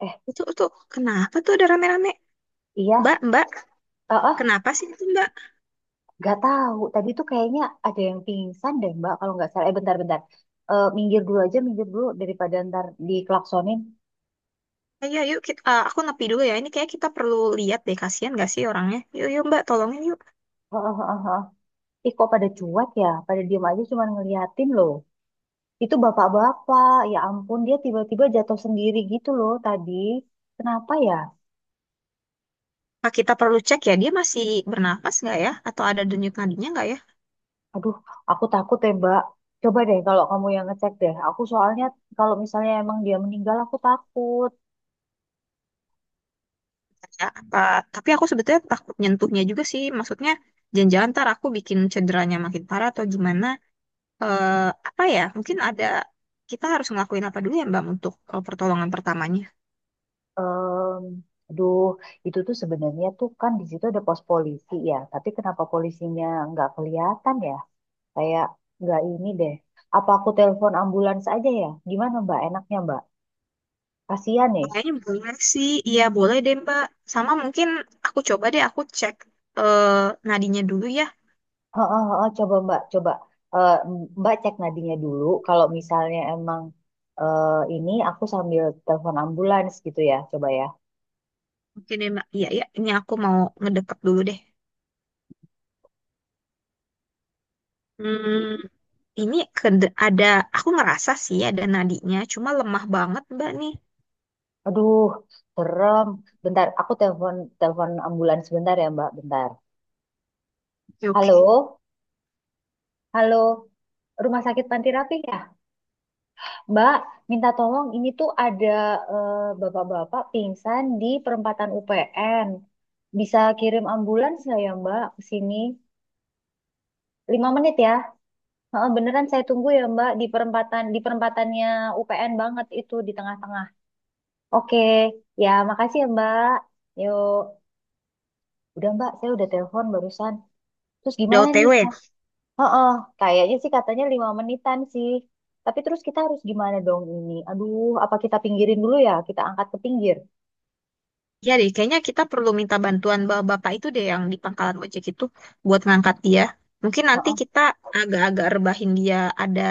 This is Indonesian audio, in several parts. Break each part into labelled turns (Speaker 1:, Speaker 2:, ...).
Speaker 1: Eh,
Speaker 2: Itu tuh kenapa tuh ada rame-rame?
Speaker 1: iya,
Speaker 2: Mbak, Mbak,
Speaker 1: eh, eh,
Speaker 2: kenapa sih itu Mbak?
Speaker 1: nggak tahu. Tadi tuh kayaknya ada yang pingsan deh, Mbak. Kalau nggak salah, bentar-bentar. Minggir dulu aja, minggir dulu daripada ntar diklaksonin.
Speaker 2: Ayo, yuk kita, aku nepi dulu ya. Ini kayak kita perlu lihat deh, kasihan gak sih orangnya? Yuk, yuk Mbak, tolongin yuk.
Speaker 1: Eh, eh, eh, eh. Eh. Ih, kok pada cuek ya? Pada diem aja cuman ngeliatin loh. Itu bapak-bapak, ya ampun, dia tiba-tiba jatuh sendiri gitu loh tadi. Kenapa ya?
Speaker 2: Apa kita perlu cek ya, dia masih bernapas nggak ya? Atau ada denyut nadinya nggak ya?
Speaker 1: Aduh, aku takut ya, Mbak. Coba deh kalau kamu yang ngecek deh. Aku soalnya kalau misalnya emang dia meninggal, aku takut.
Speaker 2: Ya, apa? Tapi aku sebetulnya takut nyentuhnya juga sih. Maksudnya, jangan-jangan ntar aku bikin cederanya makin parah atau gimana? Eh, Apa ya? Mungkin ada kita harus ngelakuin apa dulu ya Mbak untuk pertolongan pertamanya?
Speaker 1: Em, Aduh, itu tuh sebenarnya tuh kan di situ ada pos polisi ya. Tapi kenapa polisinya nggak kelihatan ya? Kayak nggak ini deh. Apa aku telepon ambulans aja ya? Gimana Mbak? Enaknya Mbak? Kasihan nih.
Speaker 2: Kayaknya boleh sih, iya boleh deh Mbak. Sama mungkin aku coba deh aku cek eh nadinya dulu ya.
Speaker 1: Heeh, heeh, coba Mbak, coba. Eh, Mbak cek nadinya dulu. Kalau misalnya emang eh, ini aku sambil telepon ambulans gitu ya, coba ya.
Speaker 2: Oke deh Mbak, iya iya. Ini aku mau ngedeket dulu deh. Hmm, ada, aku ngerasa sih ada nadinya, cuma lemah banget Mbak nih.
Speaker 1: Aduh, serem. Bentar, aku telepon telepon ambulans bentar ya Mbak, bentar.
Speaker 2: Oke, oke.
Speaker 1: Halo. Halo, Rumah Sakit Panti Rapih ya? Mbak, minta tolong ini tuh ada eh, bapak-bapak pingsan di perempatan UPN. Bisa kirim ambulans nggak ya Mbak ke sini? 5 menit ya. Heeh, beneran saya tunggu ya Mbak di perempatannya UPN banget itu di tengah-tengah. Oke, ya makasih ya Mbak. Yuk, udah Mbak, saya udah telepon barusan. Terus
Speaker 2: Udah O
Speaker 1: gimana
Speaker 2: T
Speaker 1: nih?
Speaker 2: w
Speaker 1: Heeh, kayaknya sih katanya 5 menitan sih. Tapi terus kita harus gimana dong ini? Aduh, apa kita pinggirin dulu ya? Kita angkat ke pinggir.
Speaker 2: Iya deh, kayaknya kita perlu minta bantuan bapak bapak itu deh yang di pangkalan ojek itu buat ngangkat dia. Mungkin nanti
Speaker 1: Heeh,
Speaker 2: kita agak-agak rebahin dia ada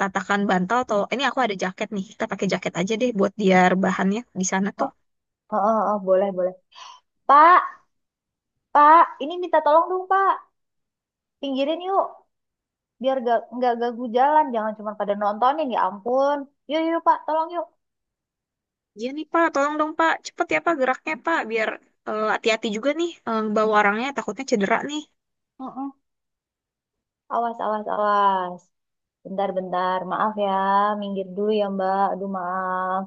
Speaker 2: tatakan bantal atau ini aku ada jaket nih, kita pakai jaket aja deh buat dia rebahannya di sana tuh.
Speaker 1: heeh, heeh, heeh, boleh, boleh. Pak, Pak, ini minta tolong dong, Pak. Pinggirin yuk, biar gak, nggak ganggu jalan. Jangan cuma pada nontonin, ya ampun. Yuk, yuk, Pak, tolong yuk.
Speaker 2: Iya nih Pak, tolong dong Pak, cepet ya Pak geraknya Pak, biar hati-hati juga nih bawa orangnya takutnya cedera nih.
Speaker 1: Heeh. Awas, awas, awas. Bentar, bentar. Maaf ya, minggir dulu ya, Mbak. Aduh, maaf.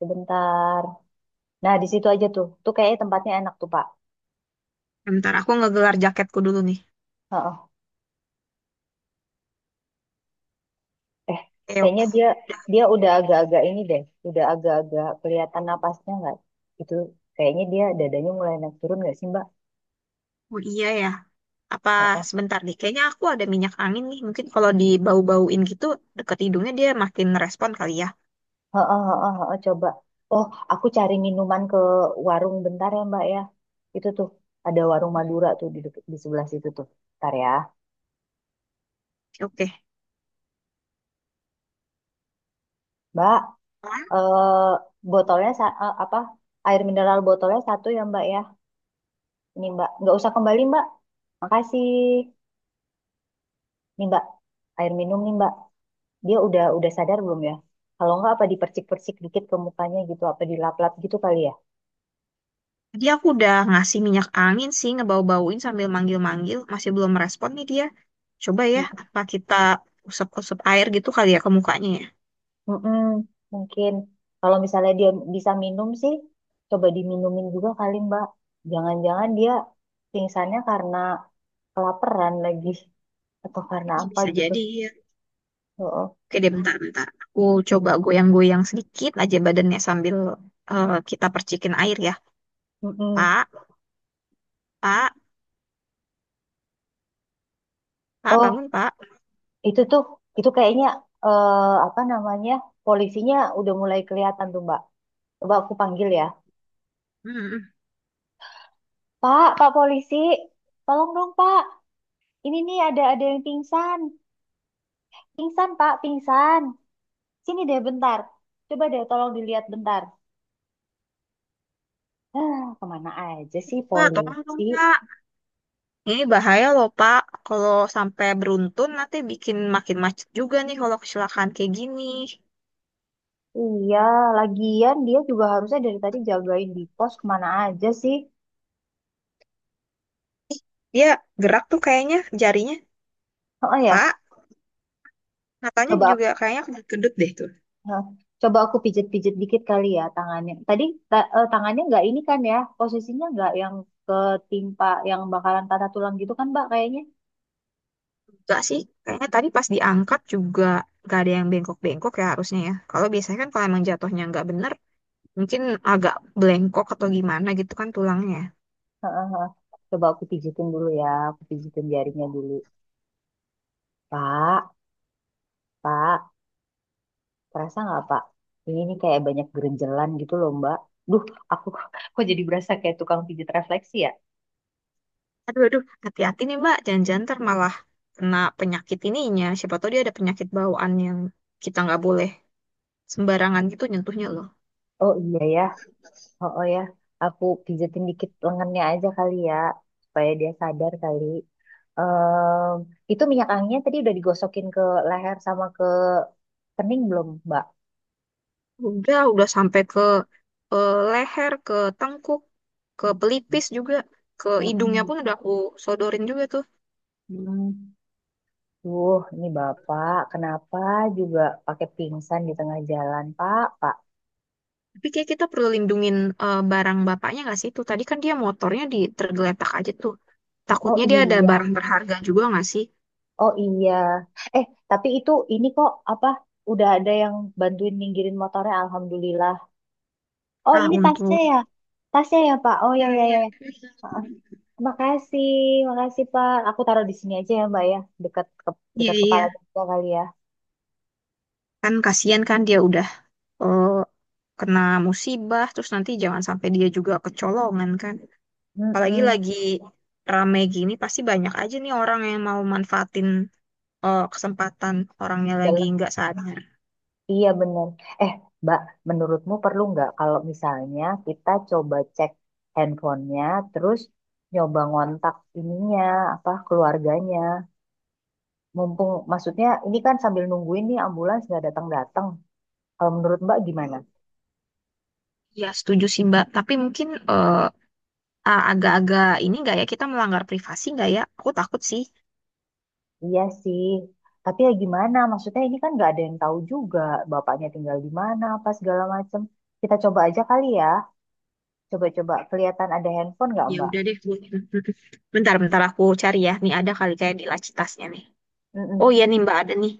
Speaker 1: Sebentar. Nah, di situ aja tuh. Tuh kayaknya tempatnya enak tuh, Pak.
Speaker 2: Bentar aku ngegelar jaketku dulu nih.
Speaker 1: Heeh. Eh,
Speaker 2: Oke
Speaker 1: Kayaknya
Speaker 2: oke.
Speaker 1: dia
Speaker 2: Udah.
Speaker 1: dia udah agak-agak ini deh, udah agak-agak kelihatan napasnya nggak? Itu kayaknya dia dadanya mulai naik turun nggak sih Mbak?
Speaker 2: Oh iya ya. Apa
Speaker 1: Heeh,
Speaker 2: sebentar nih, kayaknya aku ada minyak angin nih. Mungkin kalau dibau-bauin gitu, deket hidungnya dia makin respon kali ya.
Speaker 1: heeh, heeh, heeh, coba. Oh, aku cari minuman ke warung bentar ya Mbak ya. Itu tuh ada warung
Speaker 2: Oke,
Speaker 1: Madura tuh di sebelah situ tuh. Bentar ya,
Speaker 2: oke.
Speaker 1: Mbak.
Speaker 2: Soalnya
Speaker 1: Eh, Botolnya apa? Air mineral botolnya satu ya Mbak ya. Ini Mbak, nggak usah kembali Mbak. Makasih. Nih Mbak, air minum nih Mbak. Dia udah sadar belum ya? Kalau nggak apa dipercik-percik dikit ke mukanya gitu, apa dilap-lap gitu kali ya?
Speaker 2: tadi aku udah ngasih minyak angin sih, ngebau-bauin sambil manggil-manggil. Masih belum merespon nih dia. Coba ya, apa kita usap-usap air gitu kali ya ke mukanya ya.
Speaker 1: Mm-mm, mungkin kalau misalnya dia bisa minum sih, coba diminumin juga kali Mbak. Jangan-jangan dia pingsannya karena kelaparan lagi atau karena
Speaker 2: Ya,
Speaker 1: apa
Speaker 2: bisa
Speaker 1: gitu.
Speaker 2: jadi ya.
Speaker 1: Oh,
Speaker 2: Oke deh, bentar-bentar. Aku coba goyang-goyang sedikit aja badannya sambil kita percikin air ya.
Speaker 1: mm
Speaker 2: Pak, Pak, Pak,
Speaker 1: Oh,
Speaker 2: bangun Pak.
Speaker 1: itu tuh kayaknya eh, apa namanya polisinya udah mulai kelihatan tuh Mbak. Coba aku panggil ya.
Speaker 2: Hmm,
Speaker 1: Pak, Pak polisi, tolong dong Pak. Ini nih ada yang pingsan. Pingsan, Pak, pingsan. Sini deh bentar. Coba deh tolong dilihat bentar. Hah, kemana aja sih
Speaker 2: Pak, tolong dong
Speaker 1: polisi?
Speaker 2: Pak. Ini bahaya loh, Pak. Kalau sampai beruntun nanti bikin makin macet juga nih kalau kecelakaan kayak gini.
Speaker 1: Iya, lagian dia juga harusnya dari tadi jagain di pos kemana aja sih?
Speaker 2: Dia gerak tuh kayaknya jarinya,
Speaker 1: Oh ya,
Speaker 2: Pak. Matanya
Speaker 1: coba
Speaker 2: juga kayaknya kedut-kedut deh tuh.
Speaker 1: eh, coba aku pijet-pijet dikit kali ya tangannya. Tadi tangannya nggak ini kan ya, posisinya nggak yang ketimpa yang bakalan patah tulang gitu kan, Mbak kayaknya.
Speaker 2: Enggak sih, kayaknya tadi pas diangkat juga gak ada yang bengkok-bengkok ya harusnya ya. Kalau biasanya kan kalau emang jatuhnya nggak bener, mungkin agak belengkok atau gimana gitu kan tulangnya.
Speaker 1: Heeh, heeh. Coba aku pijitin dulu ya, aku pijitin jarinya dulu. Pak, Pak. Kerasa nggak Pak? Ini nih kayak banyak gerenjelan gitu loh Mbak. Duh, aku kok jadi berasa kayak tukang pijat refleksi ya?
Speaker 2: Aduh, aduh, hati-hati nih, Mbak. Jangan-jangan ntar malah kena penyakit ininya. Siapa tahu dia ada penyakit bawaan yang kita nggak boleh sembarangan gitu nyentuhnya loh.
Speaker 1: Oh iya ya, oh, oh ya. Aku pijatin dikit lengannya aja kali ya, supaya dia sadar kali. Em, itu minyak anginnya tadi udah digosokin ke leher sama ke kening belum Mbak?
Speaker 2: Udah sampai ke leher, ke tengkuk, ke pelipis juga, ke hidungnya
Speaker 1: Mm-mm.
Speaker 2: pun udah aku sodorin juga tuh.
Speaker 1: Mm. Duh, ini Bapak, kenapa juga pakai pingsan di tengah jalan Pak? Pak,
Speaker 2: Tapi kayak kita perlu lindungin barang bapaknya nggak sih tuh? Tadi kan dia motornya di tergeletak aja tuh.
Speaker 1: oh
Speaker 2: Takutnya dia ada
Speaker 1: iya.
Speaker 2: barang berharga juga nggak sih?
Speaker 1: Oh iya. Eh, tapi itu ini kok apa udah ada yang bantuin ninggirin motornya alhamdulillah. Oh,
Speaker 2: Ah,
Speaker 1: ini tasnya
Speaker 2: untuk
Speaker 1: ya. Tasnya ya, Pak. Oh ya
Speaker 2: iya,
Speaker 1: ya
Speaker 2: iya,
Speaker 1: ya. Heeh. Makasih, makasih Pak. Aku taruh di sini aja ya, Mbak ya. Dekat ke,
Speaker 2: iya,
Speaker 1: dekat
Speaker 2: iya.
Speaker 1: kepala juga kali ya.
Speaker 2: Kan kasihan kan dia udah eh, kena musibah, terus nanti jangan sampai dia juga kecolongan kan. Apalagi
Speaker 1: Mm-mm.
Speaker 2: lagi rame gini, pasti banyak aja nih orang yang mau manfaatin kesempatan orangnya lagi
Speaker 1: Dalam-
Speaker 2: nggak sadar.
Speaker 1: Iya benar. Eh, Mbak, menurutmu perlu nggak kalau misalnya kita coba cek handphonenya, terus nyoba ngontak ininya, apa keluarganya? Mumpung maksudnya ini kan sambil nungguin nih ambulans nggak datang-datang. Kalau menurut Mbak gimana?
Speaker 2: Ya, setuju sih Mbak. Tapi mungkin eh, agak-agak ini nggak ya kita melanggar privasi nggak ya? Aku takut sih.
Speaker 1: Iya sih. Tapi ya gimana? Maksudnya ini kan nggak ada yang tahu juga bapaknya tinggal di mana apa segala macem. Kita coba aja kali ya. Coba-coba kelihatan ada handphone nggak
Speaker 2: Ya
Speaker 1: Mbak?
Speaker 2: udah deh. Bu. Bentar, bentar aku cari ya. Nih ada kali kayak di laci tasnya nih. Oh
Speaker 1: Mm-mm.
Speaker 2: iya nih Mbak ada nih.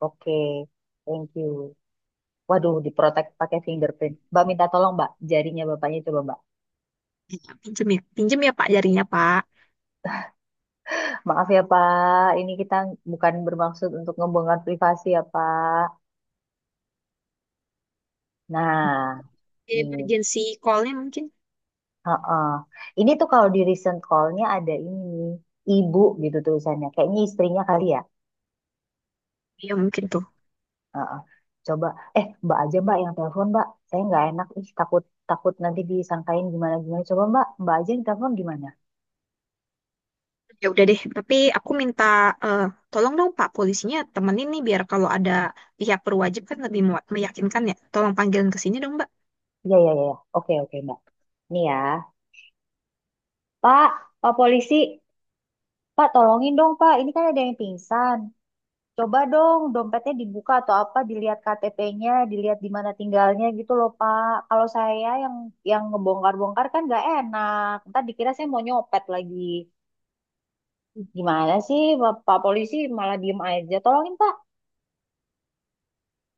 Speaker 1: Oke, thank you. Waduh, diprotek pakai fingerprint. Mbak minta tolong Mbak, jarinya bapaknya coba Mbak.
Speaker 2: Pinjem ya Pak jarinya Pak.
Speaker 1: Maaf ya Pak, ini kita bukan bermaksud untuk ngebongkar privasi ya Pak. Nah, nih.
Speaker 2: Emergency call-nya mungkin.
Speaker 1: Heeh. Ini tuh kalau di recent call-nya ada ini, ibu gitu tulisannya. Kayaknya istrinya kali ya.
Speaker 2: Ya mungkin tuh.
Speaker 1: Heeh. Coba, mbak aja mbak yang telepon mbak. Saya nggak enak, ih takut takut nanti disangkain gimana-gimana. Coba mbak, mbak aja yang telepon gimana?
Speaker 2: Ya udah deh. Tapi aku minta eh, tolong dong Pak polisinya temenin nih biar kalau ada pihak berwajib kan lebih meyakinkan ya. Tolong panggilin ke sini dong Mbak.
Speaker 1: Iya, iya, iya. Iya. Oke, oke mbak. Nih ya. Pak, pak polisi. Pak tolongin dong pak, ini kan ada yang pingsan. Coba dong dompetnya dibuka atau apa dilihat KTP-nya, dilihat di mana tinggalnya gitu loh Pak. Kalau saya yang ngebongkar-bongkar kan nggak enak. Ntar dikira saya mau nyopet lagi. Gimana sih Pak Pak Polisi malah diem aja. Tolongin Pak.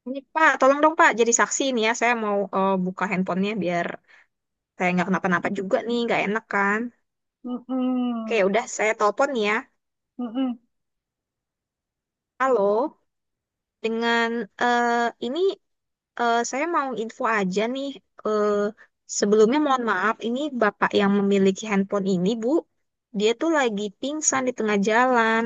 Speaker 2: Ini Pak, tolong dong Pak, jadi saksi ini ya. Saya mau buka handphonenya biar saya nggak kenapa-napa juga nih, nggak enak kan? Oke,
Speaker 1: Mm-mm.
Speaker 2: ya udah saya telepon nih ya.
Speaker 1: Mm-mm.
Speaker 2: Halo, dengan eh, ini saya mau info aja nih. Eh, Sebelumnya mohon maaf, ini Bapak yang memiliki handphone ini, Bu. Dia tuh lagi pingsan di tengah jalan.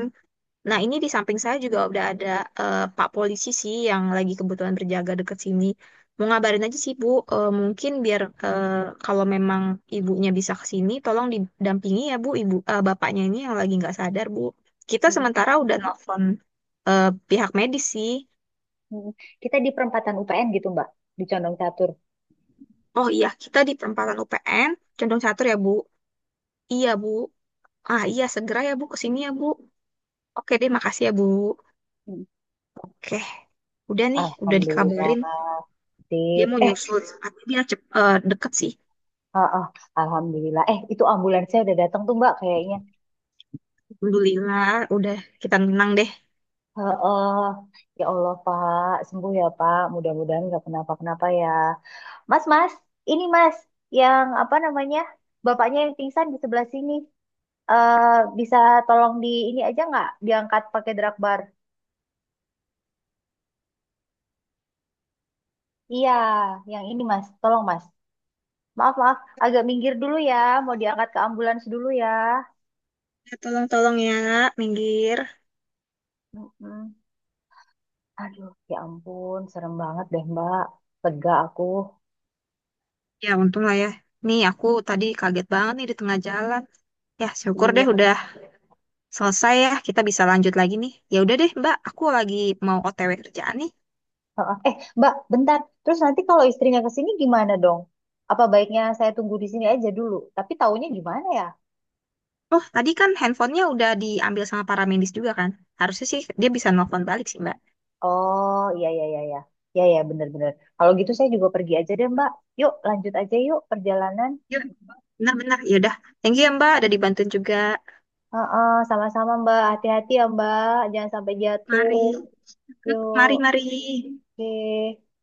Speaker 2: Nah, ini di samping saya juga udah ada Pak polisi sih yang lagi kebetulan berjaga deket sini. Mau ngabarin aja sih Bu. Mungkin biar kalau memang ibunya bisa ke sini, tolong didampingi ya Bu, bapaknya ini yang lagi nggak sadar Bu. Kita
Speaker 1: Mm-mm.
Speaker 2: sementara udah nelfon eh, pihak medis sih.
Speaker 1: Kita di perempatan UPN gitu Mbak, di Condong Catur.
Speaker 2: Oh iya, kita di perempatan UPN, Condong Catur ya Bu. Iya Bu. Ah iya, segera ya Bu ke sini ya Bu. Oke deh, makasih ya Bu.
Speaker 1: Mm.
Speaker 2: Oke, udah nih, udah
Speaker 1: Alhamdulillah.
Speaker 2: dikabarin. Dia
Speaker 1: Sip.
Speaker 2: mau nyusul, tapi dia deket sih.
Speaker 1: Ah, ah, Alhamdulillah. Itu ambulansnya udah datang tuh Mbak kayaknya.
Speaker 2: Alhamdulillah, udah kita menang deh.
Speaker 1: Heeh. Ya Allah, Pak. Sembuh ya, Pak. Mudah-mudahan nggak kenapa-kenapa ya. Mas, Mas. Ini, Mas. Yang apa namanya? Bapaknya yang pingsan di sebelah sini. Eh, Bisa tolong di ini aja nggak? Diangkat pakai drag bar. Iya, yang ini, Mas. Tolong, Mas. Maaf, maaf. Agak minggir dulu ya. Mau diangkat ke ambulans dulu ya.
Speaker 2: Ya, tolong-tolong ya, minggir.
Speaker 1: Mm-mm. Aduh, ya ampun. Serem banget deh, Mbak. Lega aku.
Speaker 2: Ya, untung lah ya. Nih, aku tadi kaget banget nih di tengah jalan. Ya, syukur deh
Speaker 1: Iya.
Speaker 2: udah selesai ya. Kita bisa lanjut lagi nih. Ya udah deh, Mbak. Aku lagi mau OTW kerjaan nih.
Speaker 1: Heeh. Mbak, bentar. Terus nanti kalau istrinya ke sini gimana dong? Apa baiknya saya tunggu di sini aja dulu? Tapi taunya gimana ya?
Speaker 2: Oh, tadi kan handphonenya udah diambil sama para medis juga kan? Harusnya sih dia bisa nelfon balik sih, Mbak.
Speaker 1: Oh, iya, iya, iya, iya. Iya, iya, bener-bener. Kalau gitu saya juga pergi aja deh, Mbak. Yuk, lanjut aja yuk perjalanan.
Speaker 2: Ya, benar-benar. Ya udah. Thank you ya, Mbak. Udah dibantuin juga.
Speaker 1: Heeh, sama-sama, Mbak. Hati-hati ya, Mbak. Jangan sampai jatuh.
Speaker 2: Mari.
Speaker 1: Yuk,
Speaker 2: Mari, mari.
Speaker 1: oke.